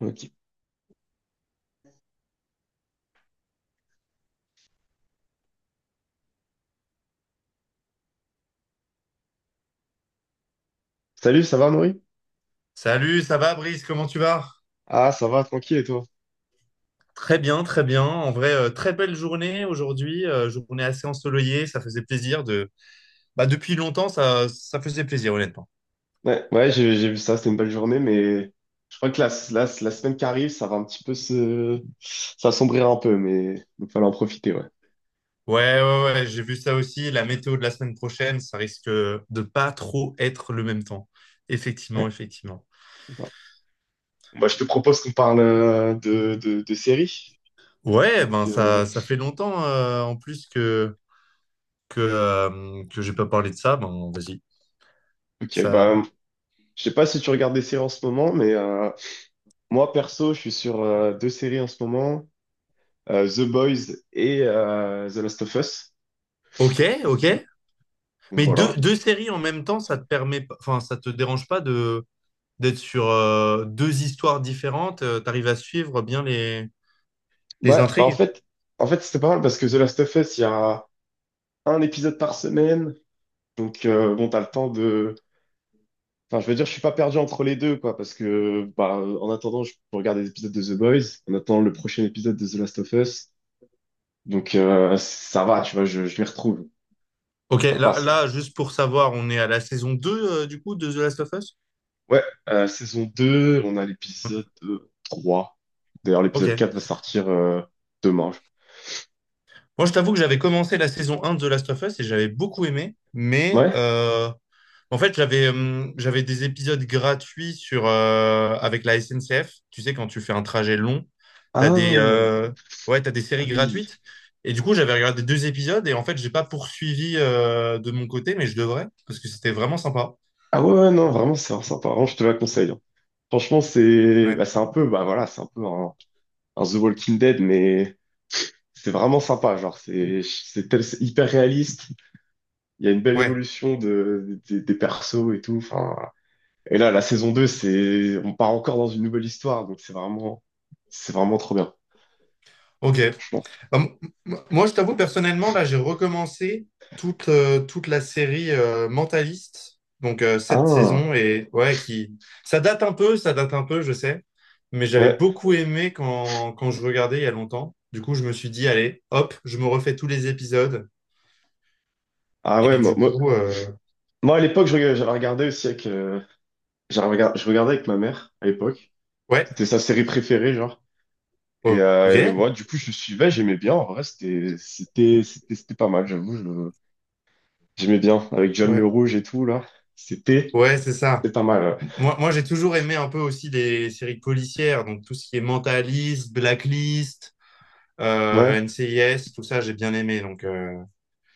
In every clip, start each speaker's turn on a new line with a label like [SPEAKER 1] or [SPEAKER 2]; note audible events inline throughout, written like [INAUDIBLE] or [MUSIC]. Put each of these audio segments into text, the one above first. [SPEAKER 1] Ok. Salut, ça va, Noé?
[SPEAKER 2] Salut, ça va Brice, comment tu vas?
[SPEAKER 1] Ah, ça va, tranquille, et toi?
[SPEAKER 2] Très bien, très bien. En vrai, très belle journée aujourd'hui, journée assez ensoleillée, ça faisait plaisir de... Bah, depuis longtemps, ça faisait plaisir, honnêtement.
[SPEAKER 1] Ouais, ouais, j'ai vu ça, c'était une belle journée, mais je crois que la semaine qui arrive, ça va un petit peu, ça sombrira un peu, mais il va falloir en profiter, ouais.
[SPEAKER 2] Ouais, ouais, ouais, j'ai vu ça aussi. La météo de la semaine prochaine, ça risque de pas trop être le même temps.
[SPEAKER 1] Ouais,
[SPEAKER 2] Effectivement, effectivement.
[SPEAKER 1] c'est ça. Bah, je te propose qu'on parle de séries.
[SPEAKER 2] Ouais,
[SPEAKER 1] Donc,
[SPEAKER 2] ben ça fait longtemps en plus que que j'ai pas parlé de ça. Ben vas-y.
[SPEAKER 1] ok,
[SPEAKER 2] Ça.
[SPEAKER 1] bah, je sais pas si tu regardes des séries en ce moment, mais moi, perso, je suis sur deux séries en ce moment, The Boys et The Last of Us.
[SPEAKER 2] Ok, ok.
[SPEAKER 1] Donc,
[SPEAKER 2] Mais deux,
[SPEAKER 1] voilà.
[SPEAKER 2] deux séries en même temps, ça te permet, pas- enfin, ça te dérange pas de d'être sur deux histoires différentes, t'arrives à suivre bien les
[SPEAKER 1] Ouais, bah en
[SPEAKER 2] intrigues.
[SPEAKER 1] fait, en fait c'était pas mal parce que The Last of Us, il y a un épisode par semaine. Donc bon, t'as le temps de. Enfin, je veux dire, je suis pas perdu entre les deux, quoi, parce que bah, en attendant, je peux regarder des épisodes de The Boys, en attendant le prochain épisode de The Last of Us. Donc ça va, tu vois, je m'y retrouve.
[SPEAKER 2] Ok,
[SPEAKER 1] Ça passe, quoi.
[SPEAKER 2] juste pour savoir, on est à la saison 2 du coup, de The Last of Us?
[SPEAKER 1] Ouais, saison 2 on a l'épisode 3. D'ailleurs,
[SPEAKER 2] Ok.
[SPEAKER 1] l'épisode 4 va sortir demain.
[SPEAKER 2] Moi, je t'avoue que j'avais commencé la saison un de The Last of Us et j'avais beaucoup aimé, mais
[SPEAKER 1] Ouais?
[SPEAKER 2] en fait, j'avais des épisodes gratuits sur avec la SNCF. Tu sais, quand tu fais un trajet long, t'as des
[SPEAKER 1] Ah,
[SPEAKER 2] ouais, t'as des
[SPEAKER 1] ah
[SPEAKER 2] séries
[SPEAKER 1] oui.
[SPEAKER 2] gratuites. Et du coup, j'avais regardé deux épisodes et en fait, j'ai pas poursuivi de mon côté, mais je devrais parce que c'était vraiment sympa.
[SPEAKER 1] Ah ouais, ouais, non, vraiment, c'est sympa. Vraiment, je te la conseille, hein. Franchement, c'est
[SPEAKER 2] Ouais.
[SPEAKER 1] bah, c'est un peu bah voilà, c'est un peu un The Walking Dead, mais c'est vraiment sympa. Genre, c'est c'est hyper réaliste. Il y a une belle
[SPEAKER 2] Ouais.
[SPEAKER 1] évolution de, des persos et tout. Enfin, voilà. Et là, la saison 2, c'est on part encore dans une nouvelle histoire, donc c'est vraiment trop bien,
[SPEAKER 2] Ok.
[SPEAKER 1] franchement.
[SPEAKER 2] Ah, moi, je t'avoue, personnellement, là, j'ai recommencé toute, toute la série Mentaliste, donc cette
[SPEAKER 1] Ah
[SPEAKER 2] saison, et ouais, qui... Ça date un peu, ça date un peu, je sais, mais j'avais
[SPEAKER 1] ouais,
[SPEAKER 2] beaucoup aimé quand je regardais il y a longtemps. Du coup, je me suis dit, allez, hop, je me refais tous les épisodes,
[SPEAKER 1] ah ouais,
[SPEAKER 2] et
[SPEAKER 1] moi,
[SPEAKER 2] du
[SPEAKER 1] moi,
[SPEAKER 2] coup,
[SPEAKER 1] moi, à l'époque, j'avais regardé aussi avec je regardais avec ma mère à l'époque.
[SPEAKER 2] ouais,
[SPEAKER 1] C'était sa série préférée, genre. Et, euh, et
[SPEAKER 2] ok,
[SPEAKER 1] ouais, du coup, je suivais, j'aimais bien. En vrai, c'était pas mal, j'avoue. J'aimais bien. Avec John Le
[SPEAKER 2] ouais,
[SPEAKER 1] Rouge et tout, là. C'était,
[SPEAKER 2] ouais, c'est ça.
[SPEAKER 1] c'était pas mal.
[SPEAKER 2] Moi, moi j'ai toujours aimé un peu aussi les séries policières, donc tout ce qui est Mentaliste, Blacklist,
[SPEAKER 1] Ouais.
[SPEAKER 2] NCIS, tout ça, j'ai bien aimé. Donc,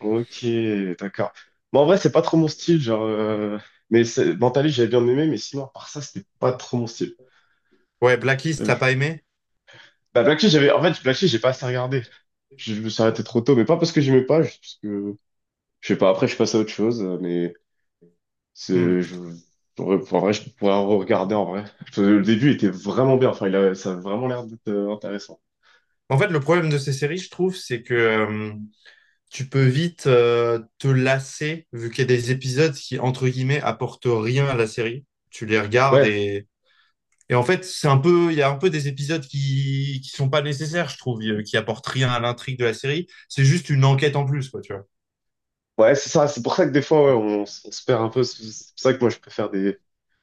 [SPEAKER 1] Ouais. Ok, d'accord. Bon, en vrai, c'est pas trop mon style, genre. Mais Mentalist, j'avais bien aimé, mais sinon, à part ça, c'était pas trop mon style.
[SPEAKER 2] ouais, Blacklist,
[SPEAKER 1] Euh,
[SPEAKER 2] t'as
[SPEAKER 1] je-
[SPEAKER 2] pas aimé?
[SPEAKER 1] Bah, Black Sheep, j'avais. En fait, Black Sheep, j'ai pas assez regardé. Je me suis arrêté trop tôt, mais pas parce que j'aimais pas, juste parce que. Je sais pas, après, je suis passé à autre chose, mais. C'est,
[SPEAKER 2] Hmm.
[SPEAKER 1] je, enfin, en vrai, je pourrais en regarder en vrai. Parce que le début était vraiment bien. Enfin, ça a vraiment l'air d'être intéressant.
[SPEAKER 2] En fait, le problème de ces séries, je trouve, c'est que tu peux vite te lasser, vu qu'il y a des épisodes qui, entre guillemets, apportent rien à la série. Tu les regardes
[SPEAKER 1] Ouais,
[SPEAKER 2] et en fait, c'est un peu, il y a un peu des épisodes qui sont pas nécessaires, je trouve, qui apportent rien à l'intrigue de la série. C'est juste une enquête en plus, quoi, tu vois.
[SPEAKER 1] ouais, c'est ça. C'est pour ça que des fois, ouais, on se perd un peu. C'est pour ça que moi, je préfère des,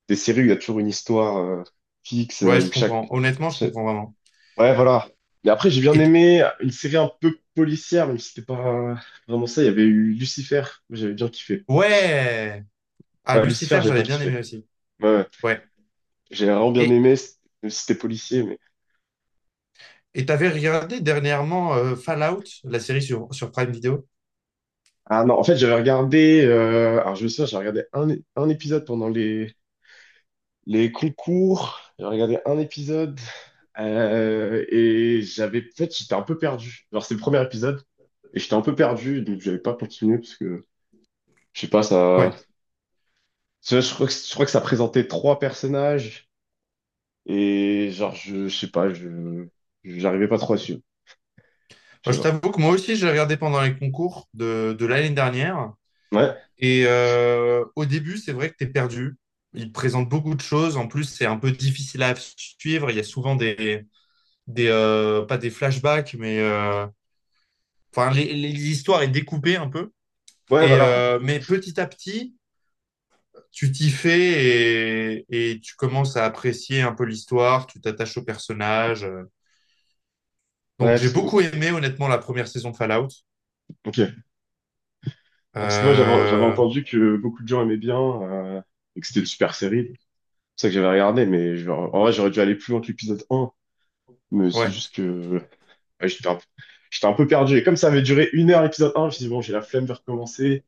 [SPEAKER 1] des séries où il y a toujours une histoire fixe,
[SPEAKER 2] Ouais, je comprends. Honnêtement, je
[SPEAKER 1] chaque-
[SPEAKER 2] comprends vraiment.
[SPEAKER 1] Ouais, voilà. Mais après, j'ai bien
[SPEAKER 2] Et t-
[SPEAKER 1] aimé une série un peu policière, même si c'était pas vraiment ça. Il y avait eu Lucifer. Moi, j'avais bien kiffé.
[SPEAKER 2] ouais! Ah,
[SPEAKER 1] Ouais, Lucifer,
[SPEAKER 2] Lucifer,
[SPEAKER 1] j'avais bien
[SPEAKER 2] j'avais bien
[SPEAKER 1] kiffé.
[SPEAKER 2] aimé aussi.
[SPEAKER 1] Ouais, ouais.
[SPEAKER 2] Ouais.
[SPEAKER 1] J'ai vraiment bien
[SPEAKER 2] Et,
[SPEAKER 1] aimé, même si c'était policier, mais.
[SPEAKER 2] Et t'avais regardé dernièrement Fallout, la série sur Prime Video?
[SPEAKER 1] Ah non, en fait, j'avais regardé, alors je me souviens, j'ai regardé un épisode pendant les concours, j'ai regardé un épisode, et j'avais, en fait, j'étais un peu perdu. Genre, c'est le premier épisode, et j'étais un peu perdu, donc j'avais pas continué, parce que, je sais pas, ça,
[SPEAKER 2] Ouais.
[SPEAKER 1] tu je crois que ça présentait trois personnages, et genre, je sais pas, j'arrivais pas trop à suivre, je
[SPEAKER 2] Moi,
[SPEAKER 1] sais
[SPEAKER 2] je
[SPEAKER 1] pas.
[SPEAKER 2] t'avoue que moi aussi, je l'ai regardé pendant les concours de l'année dernière.
[SPEAKER 1] Ouais,
[SPEAKER 2] Et au début, c'est vrai que t'es perdu. Il te présente beaucoup de choses. En plus, c'est un peu difficile à suivre. Il y a souvent des pas des flashbacks, mais enfin, l'histoire est découpée un peu.
[SPEAKER 1] ouais,
[SPEAKER 2] Et
[SPEAKER 1] voilà, ouais,
[SPEAKER 2] mais petit à petit, tu t'y fais et tu commences à apprécier un peu l'histoire. Tu t'attaches au personnage. Donc
[SPEAKER 1] ouais,
[SPEAKER 2] j'ai
[SPEAKER 1] parce que, bon,
[SPEAKER 2] beaucoup aimé honnêtement la première saison de Fallout.
[SPEAKER 1] ok. Ah, parce que moi, j'avais
[SPEAKER 2] Euh,
[SPEAKER 1] entendu que beaucoup de gens aimaient bien et que c'était une super série. C'est pour ça que j'avais regardé, mais en vrai, j'aurais dû aller plus loin que l'épisode 1. Mais c'est
[SPEAKER 2] ouais,
[SPEAKER 1] juste que ouais, j'étais un peu perdu. Et comme ça avait duré une heure l'épisode un, je me suis dit, bon, j'ai la flemme de recommencer.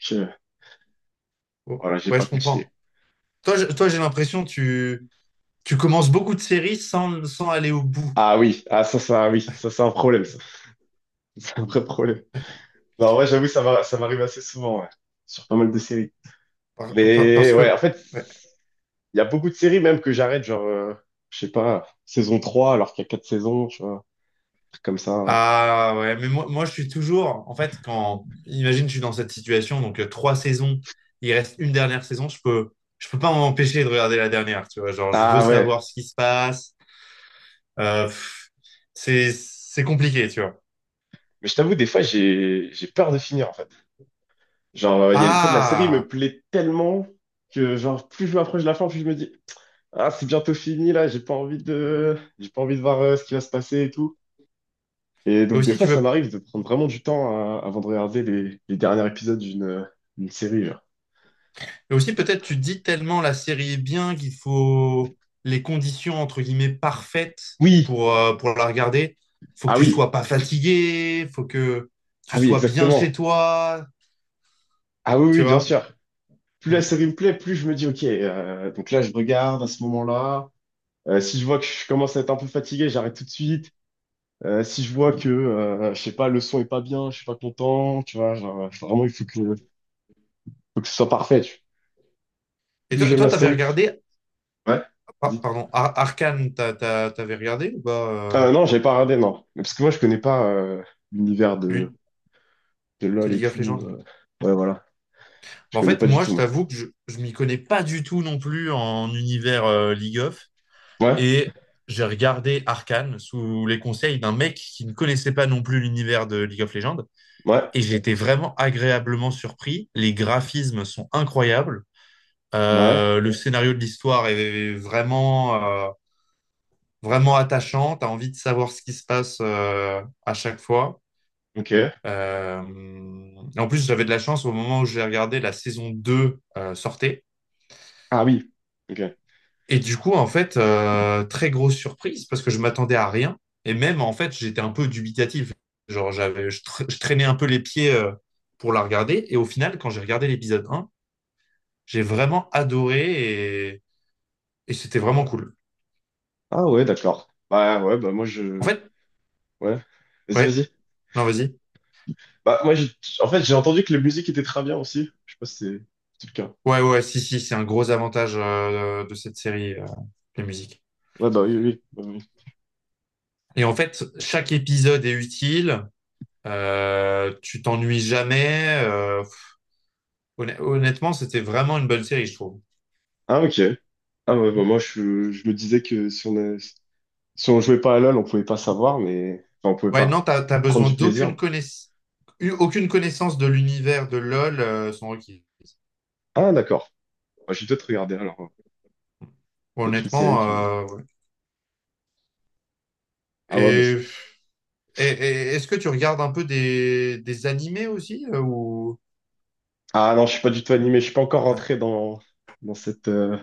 [SPEAKER 1] Je-
[SPEAKER 2] Oh,
[SPEAKER 1] Voilà, j'ai
[SPEAKER 2] ouais,
[SPEAKER 1] pas
[SPEAKER 2] je
[SPEAKER 1] continué.
[SPEAKER 2] comprends. Toi, toi, j'ai l'impression que tu commences beaucoup de séries sans sans aller au bout.
[SPEAKER 1] Ah oui, ah ça, ça, oui, ça, c'est un problème, ça. [LAUGHS] C'est un vrai problème. Non, ouais j'avoue, ça va, ça m'arrive assez souvent, ouais, sur pas mal de séries. Mais
[SPEAKER 2] Parce
[SPEAKER 1] ouais,
[SPEAKER 2] que
[SPEAKER 1] en fait,
[SPEAKER 2] ouais.
[SPEAKER 1] il y a beaucoup de séries même que j'arrête, genre, je sais pas, saison 3 alors qu'il y a 4 saisons, tu vois, un truc comme ça.
[SPEAKER 2] Ah ouais, mais moi je suis toujours en fait quand imagine je suis dans cette situation donc trois saisons, il reste une dernière saison, je peux pas m'empêcher de regarder la dernière, tu vois, genre je veux
[SPEAKER 1] Ah ouais,
[SPEAKER 2] savoir ce qui se passe. Euh, pff, c'est compliqué, tu vois.
[SPEAKER 1] mais je t'avoue, des fois, j'ai peur de finir, en fait. Genre, il y a en fait, la série
[SPEAKER 2] Ah,
[SPEAKER 1] me plaît tellement que, genre, plus je m'approche de la fin, plus je me dis, ah, c'est bientôt fini, là, j'ai pas envie de voir ce qui va se passer et tout. Et
[SPEAKER 2] et
[SPEAKER 1] donc, des
[SPEAKER 2] aussi
[SPEAKER 1] fois,
[SPEAKER 2] tu
[SPEAKER 1] ça
[SPEAKER 2] veux
[SPEAKER 1] m'arrive de prendre vraiment du temps avant de regarder les derniers épisodes d'une série, genre.
[SPEAKER 2] Et aussi, peut-être, tu dis tellement la série est bien qu'il faut les conditions, entre guillemets, parfaites
[SPEAKER 1] Oui!
[SPEAKER 2] pour la regarder. Faut que
[SPEAKER 1] Ah
[SPEAKER 2] tu
[SPEAKER 1] oui!
[SPEAKER 2] sois pas fatigué, faut que tu
[SPEAKER 1] Ah oui,
[SPEAKER 2] sois bien
[SPEAKER 1] exactement!
[SPEAKER 2] chez toi,
[SPEAKER 1] Ah oui,
[SPEAKER 2] tu
[SPEAKER 1] oui, bien
[SPEAKER 2] vois.
[SPEAKER 1] sûr! Plus la
[SPEAKER 2] Mm.
[SPEAKER 1] série me plaît, plus je me dis, ok, donc là, je regarde à ce moment-là. Si je vois que je commence à être un peu fatigué, j'arrête tout de suite. Si je vois que, je sais pas, le son est pas bien, je suis pas content, tu vois, genre, vraiment, il faut que, ce soit parfait.
[SPEAKER 2] Et
[SPEAKER 1] Plus
[SPEAKER 2] toi,
[SPEAKER 1] j'aime
[SPEAKER 2] toi,
[SPEAKER 1] la série. Ouais, vas-y.
[SPEAKER 2] pardon, Arcane, t'avais regardé ou pas, euh,
[SPEAKER 1] Non, j'avais pas regardé, non. Mais parce que moi, je connais pas l'univers de,
[SPEAKER 2] lui,
[SPEAKER 1] de
[SPEAKER 2] de
[SPEAKER 1] LoL et
[SPEAKER 2] League of
[SPEAKER 1] tout.
[SPEAKER 2] Legends?
[SPEAKER 1] Ouais, voilà. Je
[SPEAKER 2] Bah, en
[SPEAKER 1] connais
[SPEAKER 2] fait,
[SPEAKER 1] pas du
[SPEAKER 2] moi,
[SPEAKER 1] tout,
[SPEAKER 2] je
[SPEAKER 1] moi.
[SPEAKER 2] t'avoue que je m'y connais pas du tout non plus en univers League of.
[SPEAKER 1] Ouais,
[SPEAKER 2] Et j'ai regardé Arcane sous les conseils d'un mec qui ne connaissait pas non plus l'univers de League of Legends.
[SPEAKER 1] ouais,
[SPEAKER 2] Et j'ai été vraiment agréablement surpris. Les graphismes sont incroyables.
[SPEAKER 1] ouais,
[SPEAKER 2] Le scénario de l'histoire est vraiment, vraiment attachant. Tu as envie de savoir ce qui se passe à chaque fois.
[SPEAKER 1] ok.
[SPEAKER 2] Euh, en plus, j'avais de la chance au moment où j'ai regardé la saison 2 sortait.
[SPEAKER 1] Ah oui, ok.
[SPEAKER 2] Et du coup, en fait, très grosse surprise parce que je m'attendais à rien. Et même, en fait, j'étais un peu dubitatif. Genre, je traînais un peu les pieds pour la regarder. Et au final, quand j'ai regardé l'épisode 1, j'ai vraiment adoré et c'était vraiment cool.
[SPEAKER 1] Ah ouais, d'accord. Bah ouais, bah moi.
[SPEAKER 2] En fait,
[SPEAKER 1] Ouais, vas-y,
[SPEAKER 2] ouais,
[SPEAKER 1] vas-y.
[SPEAKER 2] non, vas-y.
[SPEAKER 1] Bah moi, en fait, j'ai entendu que la musique était très bien aussi. Je sais pas si c'est le cas.
[SPEAKER 2] Ouais, ouais, si, si, c'est un gros avantage de cette série, les musiques.
[SPEAKER 1] Ouais, bah oui, oui, oui.
[SPEAKER 2] Et en fait, chaque épisode est utile. Tu t'ennuies jamais. Honnêtement, c'était vraiment une bonne série, je trouve.
[SPEAKER 1] Ah ok. Ah ouais, bah, moi je, me disais que si si on jouait pas à LoL, on pouvait pas savoir, mais enfin, on pouvait
[SPEAKER 2] Ouais, non,
[SPEAKER 1] pas
[SPEAKER 2] t'as
[SPEAKER 1] prendre
[SPEAKER 2] besoin
[SPEAKER 1] du plaisir.
[SPEAKER 2] aucune connaissance de l'univers de LoL sont requises.
[SPEAKER 1] Ah d'accord. Bah, je vais peut-être regarder alors, hein. Peut-être une série
[SPEAKER 2] Honnêtement,
[SPEAKER 1] qui.
[SPEAKER 2] ouais.
[SPEAKER 1] Ah ouais, bah,
[SPEAKER 2] Et, et- et est-ce que tu regardes un peu des animés aussi ou...
[SPEAKER 1] Ah non, je suis pas du tout animé. Je suis pas encore
[SPEAKER 2] ouais.
[SPEAKER 1] rentré dans cette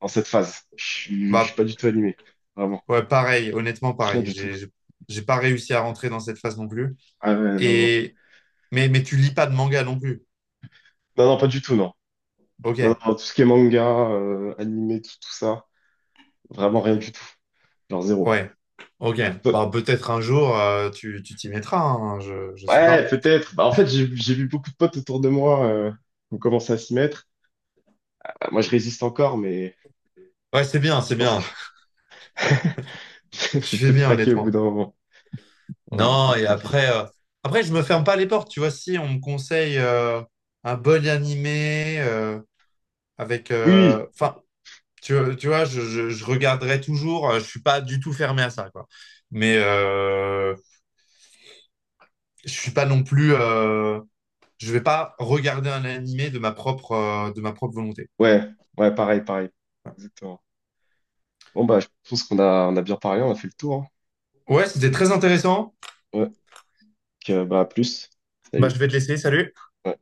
[SPEAKER 1] dans cette phase. Je suis
[SPEAKER 2] Bah,
[SPEAKER 1] pas du tout animé. Vraiment.
[SPEAKER 2] ouais, pareil, honnêtement,
[SPEAKER 1] Rien
[SPEAKER 2] pareil.
[SPEAKER 1] du tout.
[SPEAKER 2] J'ai pas réussi à rentrer dans cette phase non plus.
[SPEAKER 1] Ah ouais, non, non.
[SPEAKER 2] Et, mais tu lis pas de manga non plus.
[SPEAKER 1] Non, non, pas du tout, non.
[SPEAKER 2] Ok,
[SPEAKER 1] Non, non, tout ce qui est manga, animé, tout, tout ça. Vraiment rien du tout. Genre zéro.
[SPEAKER 2] ouais, ok. Bah, peut-être un jour, tu t'y mettras, hein, je sais
[SPEAKER 1] Ouais,
[SPEAKER 2] pas.
[SPEAKER 1] peut-être. Bah, en fait, j'ai vu beaucoup de potes autour de moi qui ont commencé à s'y mettre. Moi, je résiste encore, mais
[SPEAKER 2] Ouais, c'est bien,
[SPEAKER 1] je
[SPEAKER 2] c'est
[SPEAKER 1] pense que
[SPEAKER 2] bien. [LAUGHS]
[SPEAKER 1] [LAUGHS] je
[SPEAKER 2] Tu
[SPEAKER 1] vais
[SPEAKER 2] fais
[SPEAKER 1] peut-être
[SPEAKER 2] bien,
[SPEAKER 1] craquer au bout
[SPEAKER 2] honnêtement.
[SPEAKER 1] d'un moment. Ouais, je vais
[SPEAKER 2] Non,
[SPEAKER 1] peut-être
[SPEAKER 2] et
[SPEAKER 1] craquer.
[SPEAKER 2] après, après, je me ferme pas les portes, tu vois, si on me conseille un bon animé avec,
[SPEAKER 1] Oui,
[SPEAKER 2] enfin, tu vois, je regarderai toujours, je suis pas du tout fermé à ça, quoi. Mais je suis pas non plus, je vais pas regarder un animé de ma propre volonté.
[SPEAKER 1] ouais, ouais, pareil, pareil. Exactement. Bon, bah, je pense qu'on a bien parlé, on a fait le tour,
[SPEAKER 2] Ouais, c'était très intéressant.
[SPEAKER 1] hein. Ouais, donc, bah, à plus.
[SPEAKER 2] Bah, je
[SPEAKER 1] Salut.
[SPEAKER 2] vais te laisser, salut.
[SPEAKER 1] Ouais.